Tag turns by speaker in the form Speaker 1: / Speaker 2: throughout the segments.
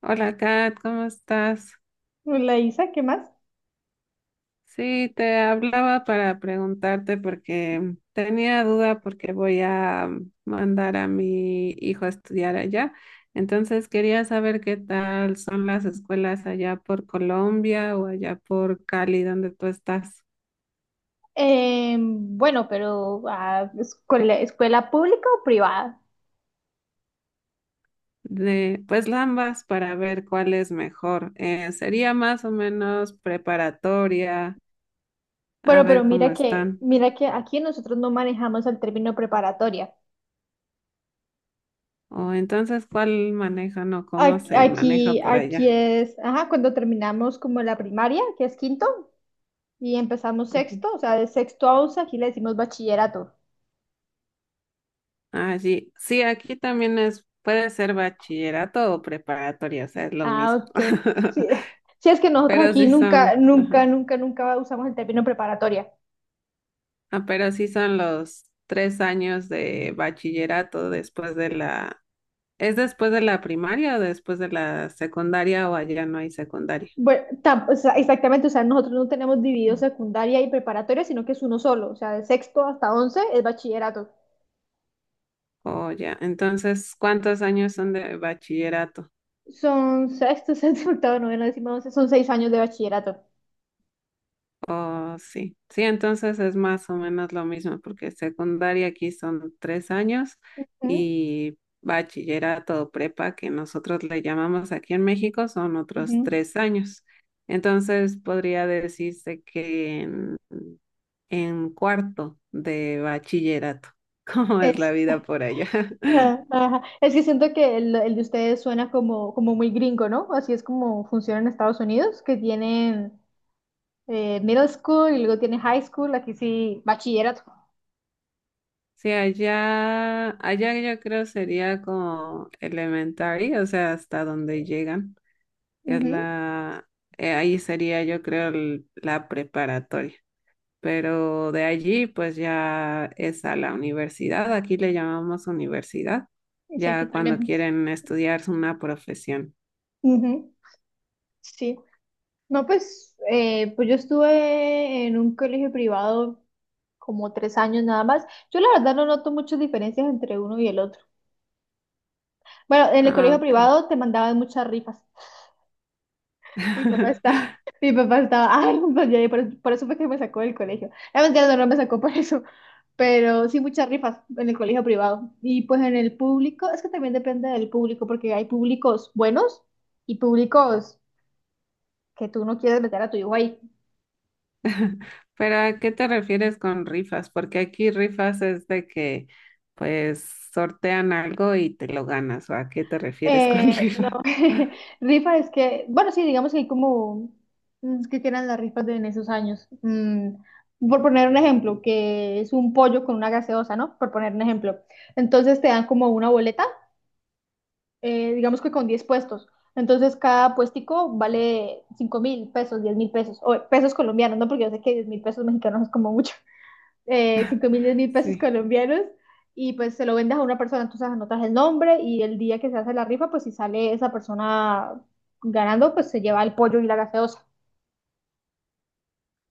Speaker 1: Hola Kat, ¿cómo estás?
Speaker 2: La Isa, ¿qué más?
Speaker 1: Sí, te hablaba para preguntarte porque tenía duda porque voy a mandar a mi hijo a estudiar allá. Entonces quería saber qué tal son las escuelas allá por Colombia o allá por Cali, donde tú estás.
Speaker 2: Bueno, pero escuela, pública o privada.
Speaker 1: De, pues ambas para ver cuál es mejor. Sería más o menos preparatoria, a
Speaker 2: Bueno, pero
Speaker 1: ver cómo están.
Speaker 2: mira que aquí nosotros no manejamos el término preparatoria.
Speaker 1: O entonces, ¿cuál manejan o cómo se maneja
Speaker 2: Aquí,
Speaker 1: por allá?
Speaker 2: es, ajá, cuando terminamos como la primaria, que es quinto, y empezamos
Speaker 1: Ujú.
Speaker 2: sexto, o sea, de sexto a once, aquí le decimos bachillerato.
Speaker 1: Ah, sí, sí, aquí también es, puede ser bachillerato o preparatoria, o sea, es lo
Speaker 2: Ah,
Speaker 1: mismo.
Speaker 2: ok. Sí, sí es que nosotros
Speaker 1: Pero
Speaker 2: aquí
Speaker 1: sí son, ajá.
Speaker 2: nunca usamos el término preparatoria.
Speaker 1: Ah, pero sí son los 3 años de bachillerato después de la, ¿es después de la primaria o después de la secundaria o allá no hay secundaria?
Speaker 2: Bueno, o sea, exactamente, o sea, nosotros no tenemos dividido
Speaker 1: Mm.
Speaker 2: secundaria y preparatoria, sino que es uno solo, o sea, de sexto hasta once es bachillerato.
Speaker 1: O ya, entonces, ¿cuántos años son de bachillerato?
Speaker 2: Son sexto, séptimo, octavo, noveno, décimo, once, son seis años de bachillerato.
Speaker 1: Oh, sí. Sí, entonces es más o menos lo mismo, porque secundaria aquí son 3 años
Speaker 2: Ujú,
Speaker 1: y bachillerato o prepa, que nosotros le llamamos aquí en México, son otros
Speaker 2: ujú.
Speaker 1: 3 años. Entonces podría decirse que en cuarto de bachillerato, ¿cómo es la
Speaker 2: Es,
Speaker 1: vida por allá?
Speaker 2: ah, ajá. Es que siento que el de ustedes suena como muy gringo, ¿no? Así es como funciona en Estados Unidos, que tienen middle school y luego tienen high school, aquí sí, bachillerato.
Speaker 1: Sí, allá yo creo sería como elementary, o sea, hasta donde llegan. Es
Speaker 2: Ujú.
Speaker 1: la, ahí sería yo creo la preparatoria. Pero de allí pues ya es a la universidad, aquí le llamamos universidad,
Speaker 2: Y sí, aquí
Speaker 1: ya cuando
Speaker 2: también.
Speaker 1: quieren estudiar una profesión.
Speaker 2: Ujú. Sí. No, pues yo estuve en un colegio privado como tres años nada más. Yo la verdad no noto muchas diferencias entre uno y el otro. Bueno, en el
Speaker 1: Ah,
Speaker 2: colegio
Speaker 1: ok.
Speaker 2: privado te mandaban muchas rifas. Ay, no, ya, por eso fue que me sacó del colegio. La mentira no me sacó por eso, pero sí muchas rifas en el colegio privado. Y pues en el público, es que también depende del público, porque hay públicos buenos y públicos que tú no quieres meter a tu hijo ahí.
Speaker 1: Pero ¿a qué te refieres con rifas? Porque aquí rifas es de que pues sortean algo y te lo ganas, ¿o a qué te refieres con
Speaker 2: No,
Speaker 1: rifa?
Speaker 2: rifa es que, bueno, sí, digamos que hay como ¿qué que eran las rifas de en esos años? Por poner un ejemplo, que es un pollo con una gaseosa, ¿no? Por poner un ejemplo. Entonces te dan como una boleta, digamos que con 10 puestos. Entonces cada puestico vale 5 mil pesos, 10 mil pesos, o pesos colombianos, ¿no? Porque yo sé que 10 mil pesos mexicanos es como mucho, 5 mil, 10 mil pesos
Speaker 1: Sí.
Speaker 2: colombianos. Y pues se lo vendes a una persona, entonces anotas el nombre y el día que se hace la rifa, pues si sale esa persona ganando, pues se lleva el pollo y la gaseosa.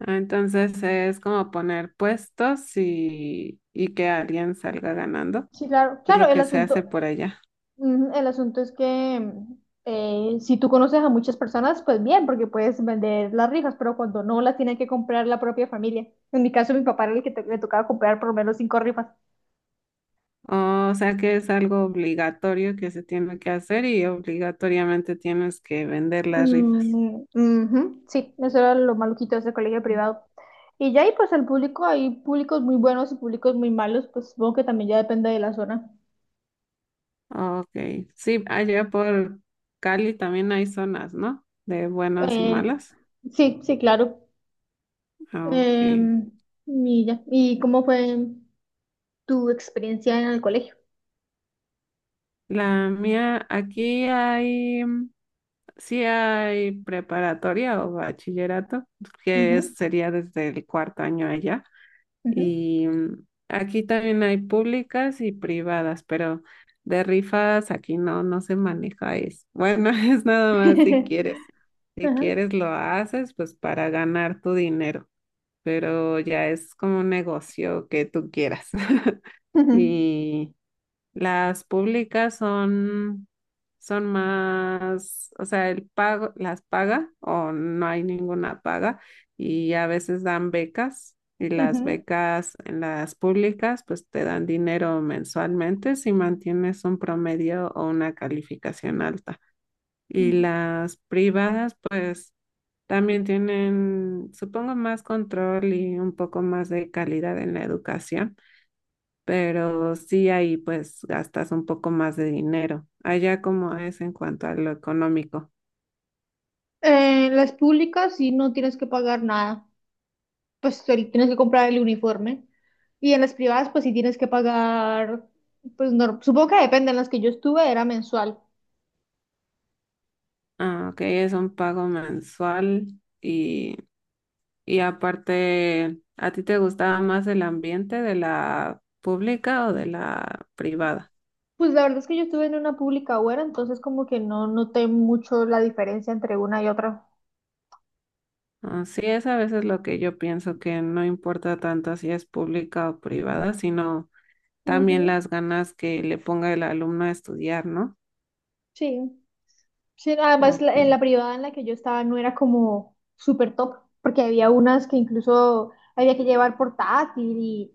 Speaker 1: Entonces es como poner puestos y que alguien salga ganando.
Speaker 2: Sí, claro,
Speaker 1: Es
Speaker 2: claro,
Speaker 1: lo que se hace por allá.
Speaker 2: el asunto es que si tú conoces a muchas personas, pues bien, porque puedes vender las rifas, pero cuando no las tiene que comprar la propia familia. En mi caso, mi papá era el le tocaba comprar por lo menos cinco rifas.
Speaker 1: O sea que es algo obligatorio que se tiene que hacer y obligatoriamente tienes que vender las rifas.
Speaker 2: Mm, ujú. Sí, eso era lo maluquito de ese colegio privado. Y ya ahí, pues el público, hay públicos muy buenos y públicos muy malos, pues supongo que también ya depende de la zona.
Speaker 1: Ok, sí, allá por Cali también hay zonas, ¿no? De buenas y
Speaker 2: Eh,
Speaker 1: malas.
Speaker 2: sí, sí, claro.
Speaker 1: Ok.
Speaker 2: Eh, y ya. ¿Y cómo fue tu experiencia en el colegio?
Speaker 1: La mía, aquí hay, mm, sí hay preparatoria o bachillerato,
Speaker 2: Ujú,
Speaker 1: sería desde el cuarto año allá.
Speaker 2: ujú.
Speaker 1: Y mm, aquí también hay públicas y privadas, pero de rifas aquí no, no se maneja eso. Bueno, es nada más si quieres. Si
Speaker 2: Ajá.
Speaker 1: quieres lo haces, pues para ganar tu dinero, pero ya es como un negocio que tú quieras.
Speaker 2: Ujú,
Speaker 1: Y las públicas son, son más, o sea, el pago, las paga o no hay ninguna paga y a veces dan becas y las
Speaker 2: ujú.
Speaker 1: becas en las públicas pues te dan dinero mensualmente si mantienes un promedio o una calificación alta. Y
Speaker 2: Ujú.
Speaker 1: las privadas pues también tienen, supongo, más control y un poco más de calidad en la educación, pero sí ahí pues gastas un poco más de dinero. Allá como es en cuanto a lo económico.
Speaker 2: Las públicas sí no tienes que pagar nada, pues ahorita tienes que comprar el uniforme. Y en las privadas, pues sí tienes que pagar, pues no, supongo que depende, en las que yo estuve era mensual.
Speaker 1: Ah, ok, es un pago mensual y, y aparte, ¿a ti te gustaba más el ambiente de la pública o de la privada?
Speaker 2: Pues la verdad es que yo estuve en una pública buena, entonces como que no noté mucho la diferencia entre una y otra.
Speaker 1: Ah, sí, es a veces lo que yo pienso, que no importa tanto si es pública o privada, sino también
Speaker 2: Ujú.
Speaker 1: las ganas que le ponga el alumno a estudiar, ¿no?
Speaker 2: Sí, sí, además
Speaker 1: Ok,
Speaker 2: en la privada en la que yo estaba no era como súper top, porque había unas que incluso había que llevar portátil,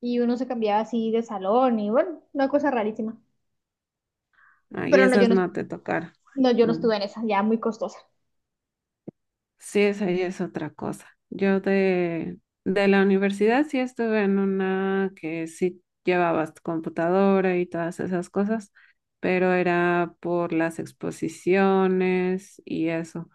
Speaker 2: y uno se cambiaba así de salón y bueno, una cosa rarísima.
Speaker 1: ahí
Speaker 2: Pero
Speaker 1: esas no te tocaron.
Speaker 2: no, yo no
Speaker 1: Mm.
Speaker 2: estuve en esa, ya muy costosa.
Speaker 1: Sí, esa ya es otra cosa. Yo de la universidad sí estuve en una que sí llevabas tu computadora y todas esas cosas, pero era por las exposiciones y eso.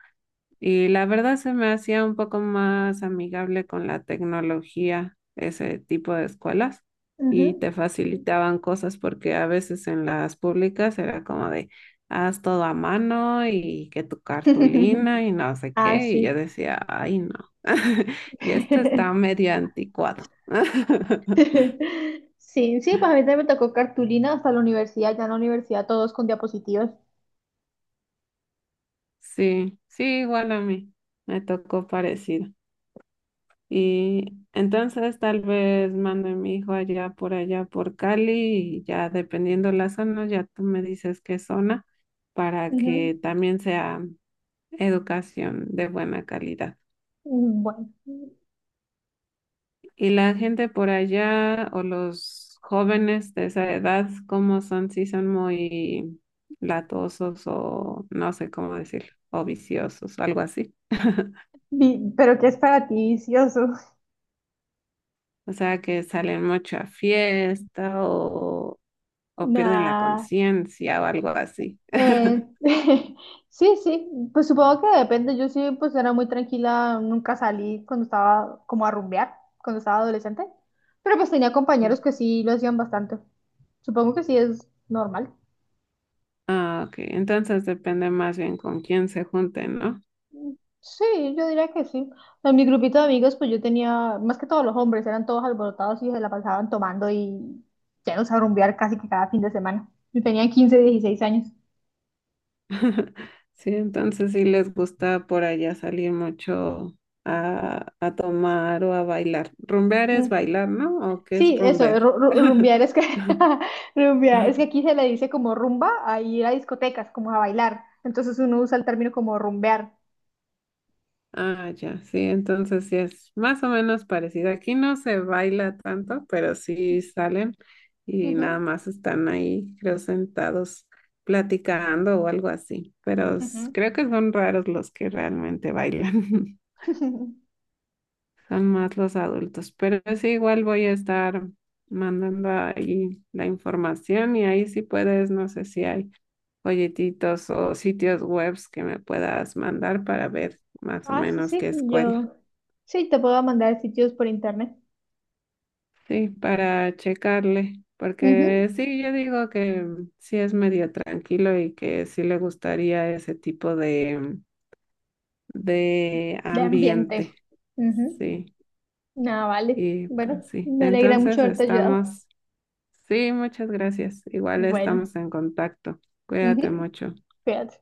Speaker 1: Y la verdad se me hacía un poco más amigable con la tecnología, ese tipo de escuelas, y
Speaker 2: Ujú.
Speaker 1: te facilitaban cosas porque a veces en las públicas era como de, haz todo a mano y que tu cartulina y no sé
Speaker 2: Ah,
Speaker 1: qué, y yo
Speaker 2: sí.
Speaker 1: decía, ay no, y esto está medio anticuado.
Speaker 2: Sí, sí, pues a mí también me tocó cartulina hasta la universidad, ya en la universidad todos con diapositivas.
Speaker 1: Sí, sí, igual a mí, me tocó parecido. Y entonces tal vez mando a mi hijo allá por allá por Cali y ya dependiendo la zona, ya tú me dices qué zona para
Speaker 2: Ujú.
Speaker 1: que también sea educación de buena calidad.
Speaker 2: Bueno.
Speaker 1: Y la gente por allá o los jóvenes de esa edad, ¿cómo son? Si son muy latosos o no sé cómo decirlo, o viciosos, algo así.
Speaker 2: Pero ¿qué es para ti vicioso?
Speaker 1: O sea, que salen mucho a fiesta o pierden la
Speaker 2: Nah.
Speaker 1: conciencia o algo así.
Speaker 2: Eh, sí, sí, pues supongo que depende, yo sí, pues era muy tranquila, nunca salí cuando estaba como a rumbear, cuando estaba adolescente, pero pues tenía compañeros
Speaker 1: Sí.
Speaker 2: que sí lo hacían bastante, supongo que sí es normal.
Speaker 1: Ah, ok. Entonces depende más bien con quién se junten, ¿no?
Speaker 2: Sí, yo diría que sí. En mi grupito de amigos, pues yo tenía, más que todos los hombres, eran todos alborotados y se la pasaban tomando y llenos a rumbear casi que cada fin de semana. Yo tenía 15, 16 años.
Speaker 1: Sí, entonces sí les gusta por allá salir mucho a tomar o a bailar. Rumbear es
Speaker 2: Mm,
Speaker 1: bailar, ¿no? ¿O qué es
Speaker 2: Sí, eso,
Speaker 1: rumbear?
Speaker 2: rumbear es que rumbear, es que aquí se le dice como rumba a ir a discotecas, como a bailar. Entonces uno usa el término como rumbear.
Speaker 1: Ah, ya, sí, entonces sí es más o menos parecido. Aquí no se baila tanto, pero sí salen y nada
Speaker 2: Ujú,
Speaker 1: más están ahí, creo, sentados platicando o algo así. Pero
Speaker 2: ujú.
Speaker 1: creo que son raros los que realmente bailan, son más los adultos. Pero sí, igual voy a estar mandando ahí la información y ahí sí puedes, no sé si hay folletitos o sitios webs que me puedas mandar para ver más o
Speaker 2: Ah, sí,
Speaker 1: menos
Speaker 2: sí,
Speaker 1: qué escuela.
Speaker 2: yo sí te puedo mandar sitios por internet.
Speaker 1: Sí, para checarle,
Speaker 2: Ujú.
Speaker 1: porque sí, yo digo que sí es medio tranquilo y que sí le gustaría ese tipo de
Speaker 2: De ambiente.
Speaker 1: ambiente.
Speaker 2: Ujú.
Speaker 1: Sí,
Speaker 2: No, vale.
Speaker 1: y pues
Speaker 2: Bueno,
Speaker 1: sí,
Speaker 2: me alegra mucho
Speaker 1: entonces
Speaker 2: haberte ayudado.
Speaker 1: estamos, sí, muchas gracias. Igual
Speaker 2: Bueno,
Speaker 1: estamos en contacto. Cuídate
Speaker 2: ujú,
Speaker 1: mucho.
Speaker 2: cuídate.